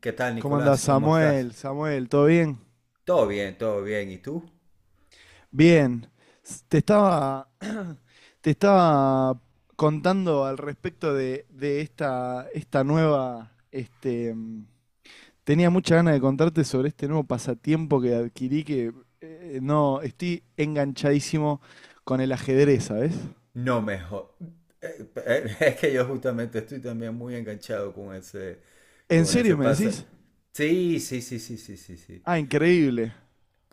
¿Qué tal, ¿Cómo Nicolás? andás, ¿Cómo estás? Samuel? Samuel, ¿todo bien? Todo bien, todo bien. ¿Y tú? Bien. S- Te estaba, te estaba contando al respecto de esta nueva, tenía mucha ganas de contarte sobre este nuevo pasatiempo que adquirí que no, estoy enganchadísimo con el ajedrez, ¿sabes? No mejor. Es que yo justamente estoy también muy enganchado con ese, ¿En con ese serio me pase. decís? Sí, sí, sí, sí, sí, sí, sí. Ah, increíble.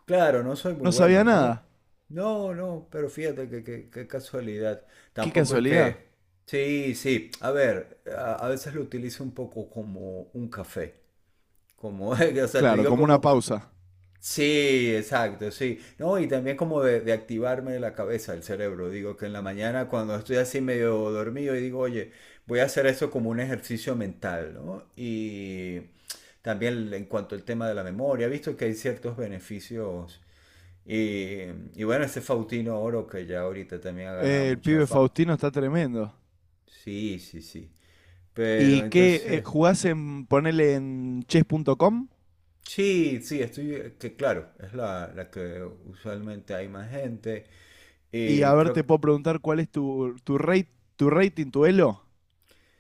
Claro, no soy muy No bueno, sabía no. nada. No, no, pero fíjate qué casualidad. Qué Tampoco es casualidad. que... Sí, sí. A ver, a veces lo utilizo un poco como un café. Como, o sea, te Claro, digo como una como, pausa. sí, exacto, sí. No, y también como de activarme la cabeza, el cerebro. Digo que en la mañana cuando estoy así medio dormido y digo, oye, voy a hacer eso como un ejercicio mental, ¿no? Y también en cuanto al tema de la memoria, he visto que hay ciertos beneficios. Y, y bueno, ese Faustino Oro que ya ahorita también ha ganado El mucha pibe fama. Faustino está tremendo. Sí, sí, sí. Pero ¿Y qué entonces... jugás ponele en chess.com? Sí, sí, estoy, que claro, es la que usualmente hay más gente. Y a Y ver, creo te puedo preguntar cuál es tu rating, tu elo.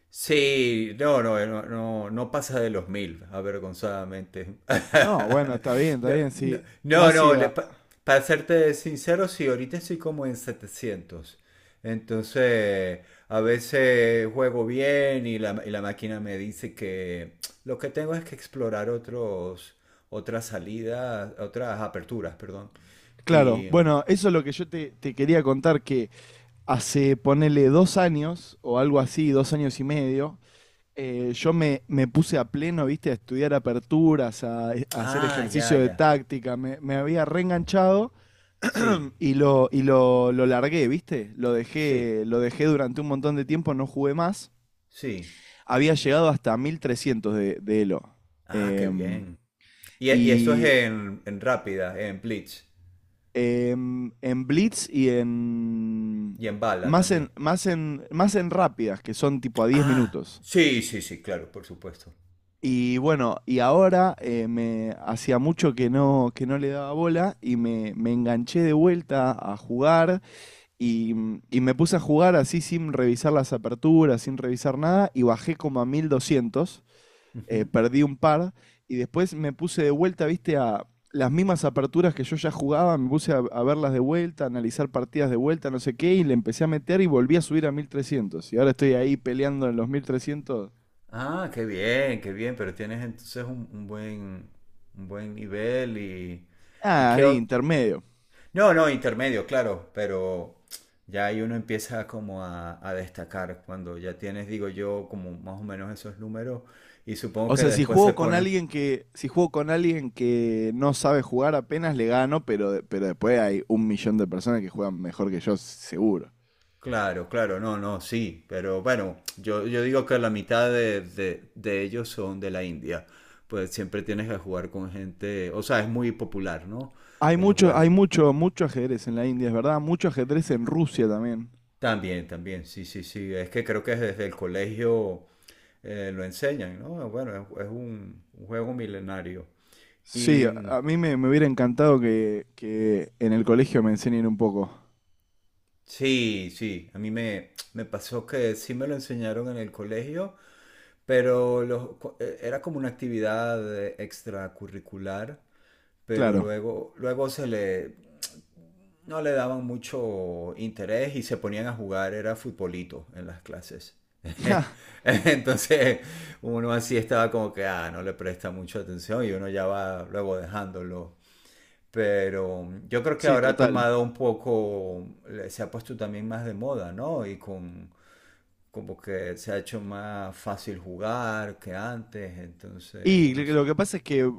sí, no, no, no, no, no pasa de los 1000, avergonzadamente. No, bueno, está No, bien, no, sí. no, Más si... no, para serte sincero, sí, ahorita estoy como en 700. Entonces, a veces juego bien y la, máquina me dice que lo que tengo es que explorar otros, otras salidas, otras aperturas, perdón. Claro, Y, bueno, eso es lo que yo te quería contar, que hace, ponele 2 años, o algo así, 2 años y medio, yo me puse a pleno, viste, a estudiar aperturas, a hacer ah, ya, ejercicio de ya. táctica, me había reenganchado. Sí, Y lo largué, ¿viste? Lo sí, dejé, lo dejé durante un montón de tiempo, no jugué más. sí. Había llegado hasta 1300 de Elo. Ah, qué Em, bien. Y eso es y en, rápida, en blitz en Blitz y en. y en bala Más también. en, más en, más en rápidas, que son tipo a diez Ah, minutos. sí, sí, sí, claro, por supuesto. Y bueno, y ahora me hacía mucho que no le daba bola y me enganché de vuelta a jugar. Y, y me puse a jugar así sin revisar las aperturas, sin revisar nada, y bajé como a 1200, Ujú. perdí un par, y después me puse de vuelta, viste, a las mismas aperturas que yo ya jugaba, me puse a verlas de vuelta, a analizar partidas de vuelta, no sé qué, y le empecé a meter y volví a subir a 1300. Y ahora estoy ahí peleando en los 1300. Ah, qué bien, pero tienes entonces un buen nivel y Ah, qué... ahí, intermedio. No, no, intermedio, claro, pero ya ahí uno empieza como a destacar cuando ya tienes, digo yo, como más o menos esos números y supongo O que sea, si después se juego con ponen alguien que, si juego con alguien que no sabe jugar apenas le gano, pero, pero después hay un millón de personas que juegan mejor que yo, seguro. claro, claro, no, no, sí, pero bueno, yo digo que la mitad de ellos son de la India, pues siempre tienes que jugar con gente, o sea, es muy popular, ¿no? Hay El mucho, hay juego. mucho, mucho ajedrez en la India, es verdad, mucho ajedrez en Rusia también. También, también, sí, sí, sí, es que creo que desde el colegio lo enseñan, ¿no? Bueno, es un juego milenario. Sí, Y mm, a mí me hubiera encantado que en el colegio me enseñen un poco. sí, sí, a mí me pasó que sí me lo enseñaron en el colegio, pero era como una actividad extracurricular. Pero Claro. luego se le no le daban mucho interés y se ponían a jugar, era futbolito en las clases. Ja, Entonces uno así estaba como que, ah, no le presta mucha atención y uno ya va luego dejándolo. Pero yo creo que sí, ahora ha total. tomado un poco, se ha puesto también más de moda, ¿no? Y con como que se ha hecho más fácil jugar que antes, entonces, Y no sé. lo que pasa es que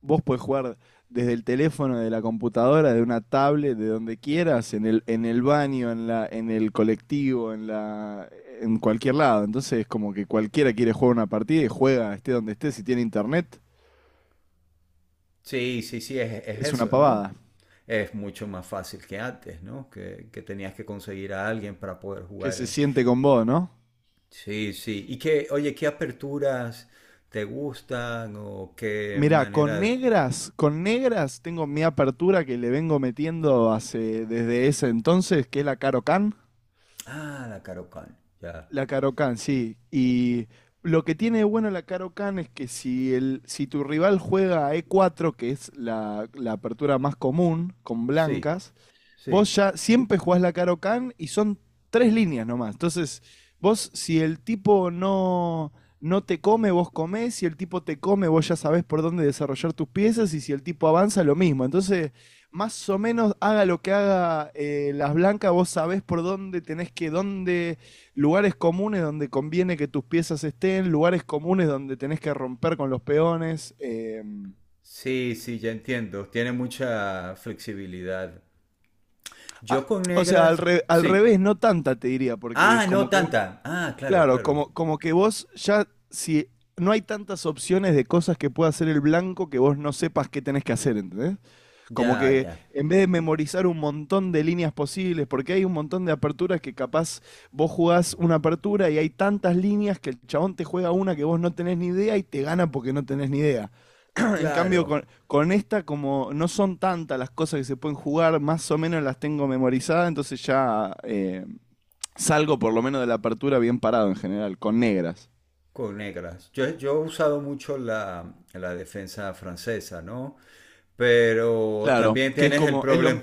vos podés jugar desde el teléfono, de la computadora, de una tablet, de donde quieras, en el baño, en el colectivo, en cualquier lado. Entonces es como que cualquiera quiere jugar una partida y juega, esté donde esté, si tiene internet, Sí, sí, sí, es es una eso, ¿no? pavada. Es mucho más fácil que antes, ¿no? Que tenías que conseguir a alguien para poder Que jugar se en... siente con vos, ¿no? Sí, sí. Y qué, oye, ¿qué aperturas te gustan o qué Mirá, con manera... negras, con negras tengo mi apertura que le vengo metiendo desde ese entonces, que es la Caro Can. Ah, la Karokan, ya. La Karokan, sí. Y lo que tiene de bueno la Karokan es que si tu rival juega a e4 que es la apertura más común, con Sí, blancas, vos sí. ya siempre jugás la Caro Can y son tres líneas nomás. Entonces, vos, si el tipo no te come, vos comés. Si el tipo te come, vos ya sabés por dónde desarrollar tus piezas. Y si el tipo avanza, lo mismo. Entonces, más o menos, haga lo que haga las blancas, vos sabés por dónde lugares comunes donde conviene que tus piezas estén, lugares comunes donde tenés que romper con los peones. Sí, sí, ya entiendo. Tiene mucha flexibilidad. ah, Yo con o sea, negras, al sí. revés, no tanta, te diría, porque Ah, es no como que. tanta. Ah, claro, Claro, claro. como que si no hay tantas opciones de cosas que pueda hacer el blanco que vos no sepas qué tenés que hacer, ¿entendés? Como Ya, que ya. en vez de memorizar un montón de líneas posibles, porque hay un montón de aperturas que capaz vos jugás una apertura y hay tantas líneas que el chabón te juega una que vos no tenés ni idea y te gana porque no tenés ni idea. En cambio, Claro. con esta, como no son tantas las cosas que se pueden jugar, más o menos las tengo memorizadas, entonces ya salgo por lo menos de la apertura bien parado en general, con negras. Con negras. Yo he usado mucho la defensa francesa, ¿no? Pero Claro, también que es tienes el problema.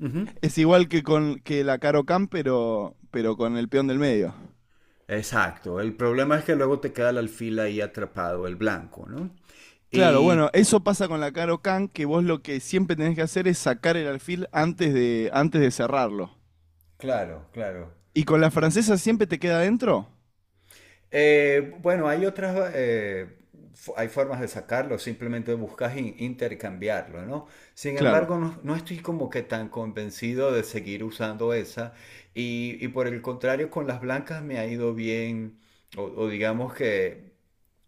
Ujú. es igual que con que la Caro Can, pero, con el peón del medio. Exacto. El problema es que luego te queda el alfil ahí atrapado, el blanco, ¿no? Claro, bueno, Y eso pasa con la Caro Can, que vos lo que siempre tenés que hacer es sacar el alfil antes de cerrarlo. claro, claro. ¿Y con la francesa siempre te queda adentro? Bueno, hay otras, hay formas de sacarlo, simplemente buscas intercambiarlo, ¿no? Sin Claro. embargo, no estoy como que tan convencido de seguir usando esa y por el contrario, con las blancas me ha ido bien, o digamos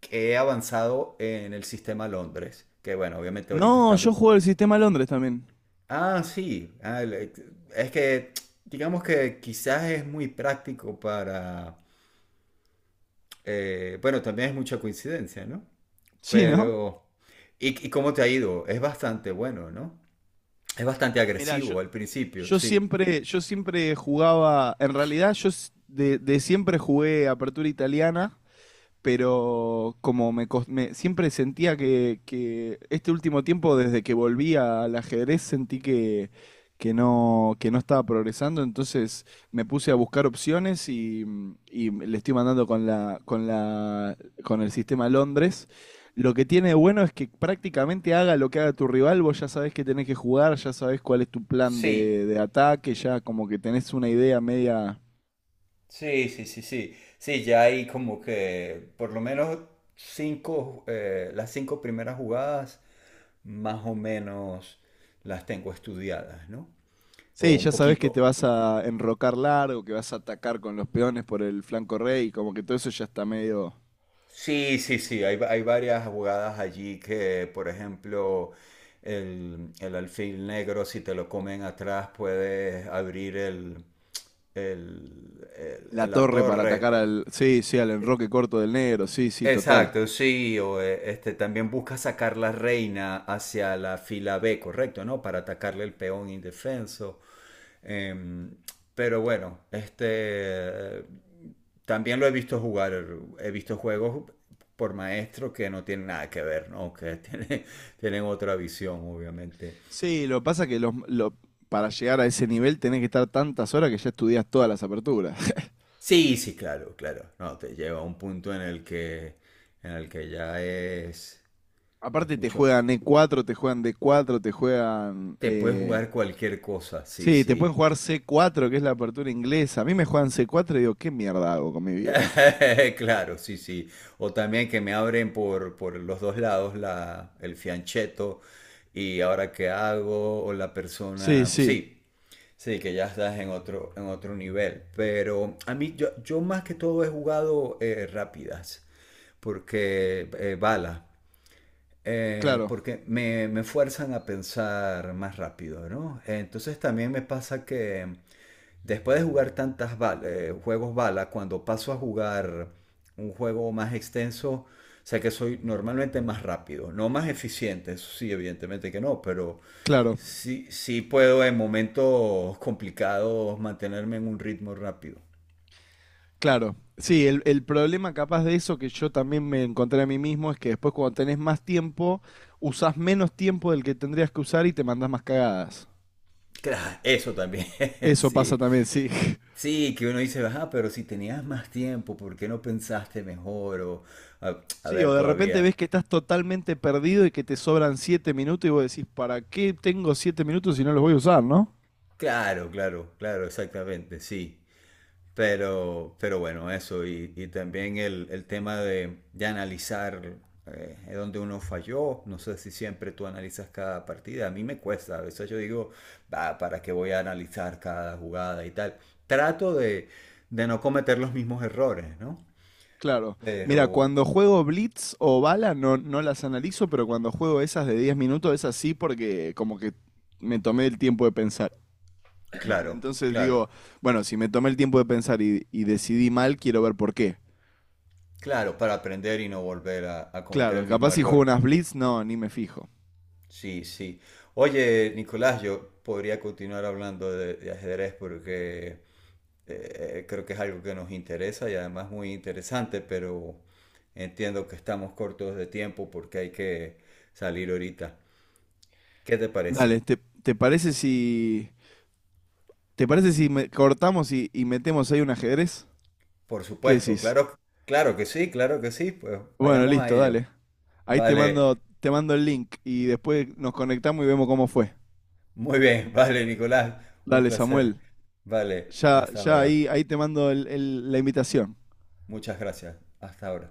que he avanzado en el sistema Londres, que bueno, obviamente ahorita No, yo está... juego el sistema Londres también. Ah, sí, ah, es que digamos que quizás es muy práctico para... bueno, también es mucha coincidencia, ¿no? Sí, ¿no? Pero, ¿y cómo te ha ido? Es bastante bueno, ¿no? Es bastante Mirá, agresivo al principio, yo sí. siempre, yo siempre jugaba, en realidad de siempre jugué apertura italiana pero como siempre sentía que este último tiempo, desde que volví al ajedrez, sentí que no estaba progresando, entonces me puse a buscar opciones y le estoy mandando con el sistema Londres. Lo que tiene de bueno es que prácticamente haga lo que haga tu rival, vos ya sabés que tenés que jugar, ya sabés cuál es tu plan Sí, de ataque, ya como que tenés una idea media. sí, sí, sí, sí. Sí, ya hay como que por lo menos las cinco primeras jugadas más o menos las tengo estudiadas, ¿no? O Sí, un ya sabes que te poquito. vas a enrocar largo, que vas a atacar con los peones por el flanco rey, como que todo eso ya está medio. Sí, sí, sí, hay varias jugadas allí que, por ejemplo, el alfil negro, si te lo comen atrás, puedes abrir La la torre para atacar torre. al, sí, sí, al enroque corto del negro, sí, sí, total. Exacto, sí, o este también busca sacar la reina hacia la fila B, correcto, ¿no? Para atacarle el peón indefenso. Em, pero bueno, este también lo he visto jugar, he visto juegos por maestro que no tienen nada que ver, ¿no? Que tienen, tienen otra visión, obviamente. Sí, lo que pasa que para llegar a ese nivel tenés que estar tantas horas que ya estudias todas las aperturas. Sí, sí, claro, claro. No, te lleva a un punto en el que ya es Aparte te mucho. juegan E4, te juegan D4, te juegan... Te puedes jugar cualquier cosa, sí, sí, te pueden sí. jugar C4, que es la apertura inglesa. A mí me juegan C4 y digo, ¿qué mierda hago con mi vida? Claro, sí, sí. O también que me abren por los dos lados el fiancheto y ahora qué hago, o la Sí, persona. sí, Sí, sí, que ya estás en otro nivel. Pero a mí, yo más que todo he jugado rápidas, porque bala. Eh, claro, porque me, me fuerzan a pensar más rápido, ¿no? Entonces también me pasa que después de jugar tantas juegos bala, cuando paso a jugar un juego más extenso, o sea que soy normalmente más rápido, no más eficiente, eso sí, evidentemente que no, pero claro. sí, sí puedo en momentos complicados mantenerme en un ritmo rápido. Claro, sí, el problema capaz de eso que yo también me encontré a mí mismo es que después cuando tenés más tiempo, usás menos tiempo del que tendrías que usar y te mandás más cagadas. Claro, eso también, Eso pasa sí. también, sí. Sí, que uno dice, ajá, pero si tenías más tiempo, ¿por qué no pensaste mejor? O, a, a Sí, ver, o de repente todavía. ves que estás totalmente perdido y que te sobran 7 minutos y vos decís, ¿para qué tengo 7 minutos si no los voy a usar, no? Claro, claro, claro, exactamente, sí. Pero bueno, eso. Y también el tema de analizar es uno falló. No sé si siempre tú analizas cada partida. A mí me cuesta. A veces yo digo, "Bah, ¿para qué voy a analizar cada jugada y tal? Trato de no cometer los mismos errores, ¿no?" Claro. Mira, Pero, cuando juego Blitz o Bala no, no las analizo, pero cuando juego esas de 10 minutos, esas sí porque como que me tomé el tiempo de pensar. claro, Entonces claro. digo, bueno, si me tomé el tiempo de pensar y decidí mal, quiero ver por qué. Claro, para aprender y no volver a cometer Claro, el mismo capaz si juego error. unas blitz, no, ni me fijo. Sí, sí. Oye, Nicolás, yo podría continuar hablando de ajedrez porque creo que es algo que nos interesa y además muy interesante, pero entiendo que estamos cortos de tiempo porque hay que salir ahorita. ¿Qué te parece? Dale, ¿te parece si? ¿Te parece si cortamos y metemos ahí un ajedrez? Por ¿Qué supuesto, decís? claro, claro que sí, pues Bueno, vayamos a listo, ello. dale. Ahí te Vale, mando, te mando el link y después nos conectamos y vemos cómo fue. muy bien, vale, Nicolás, un Dale, placer. Samuel. Vale, Ya, hasta ya ahora. ahí te mando la invitación. Muchas gracias. Hasta ahora.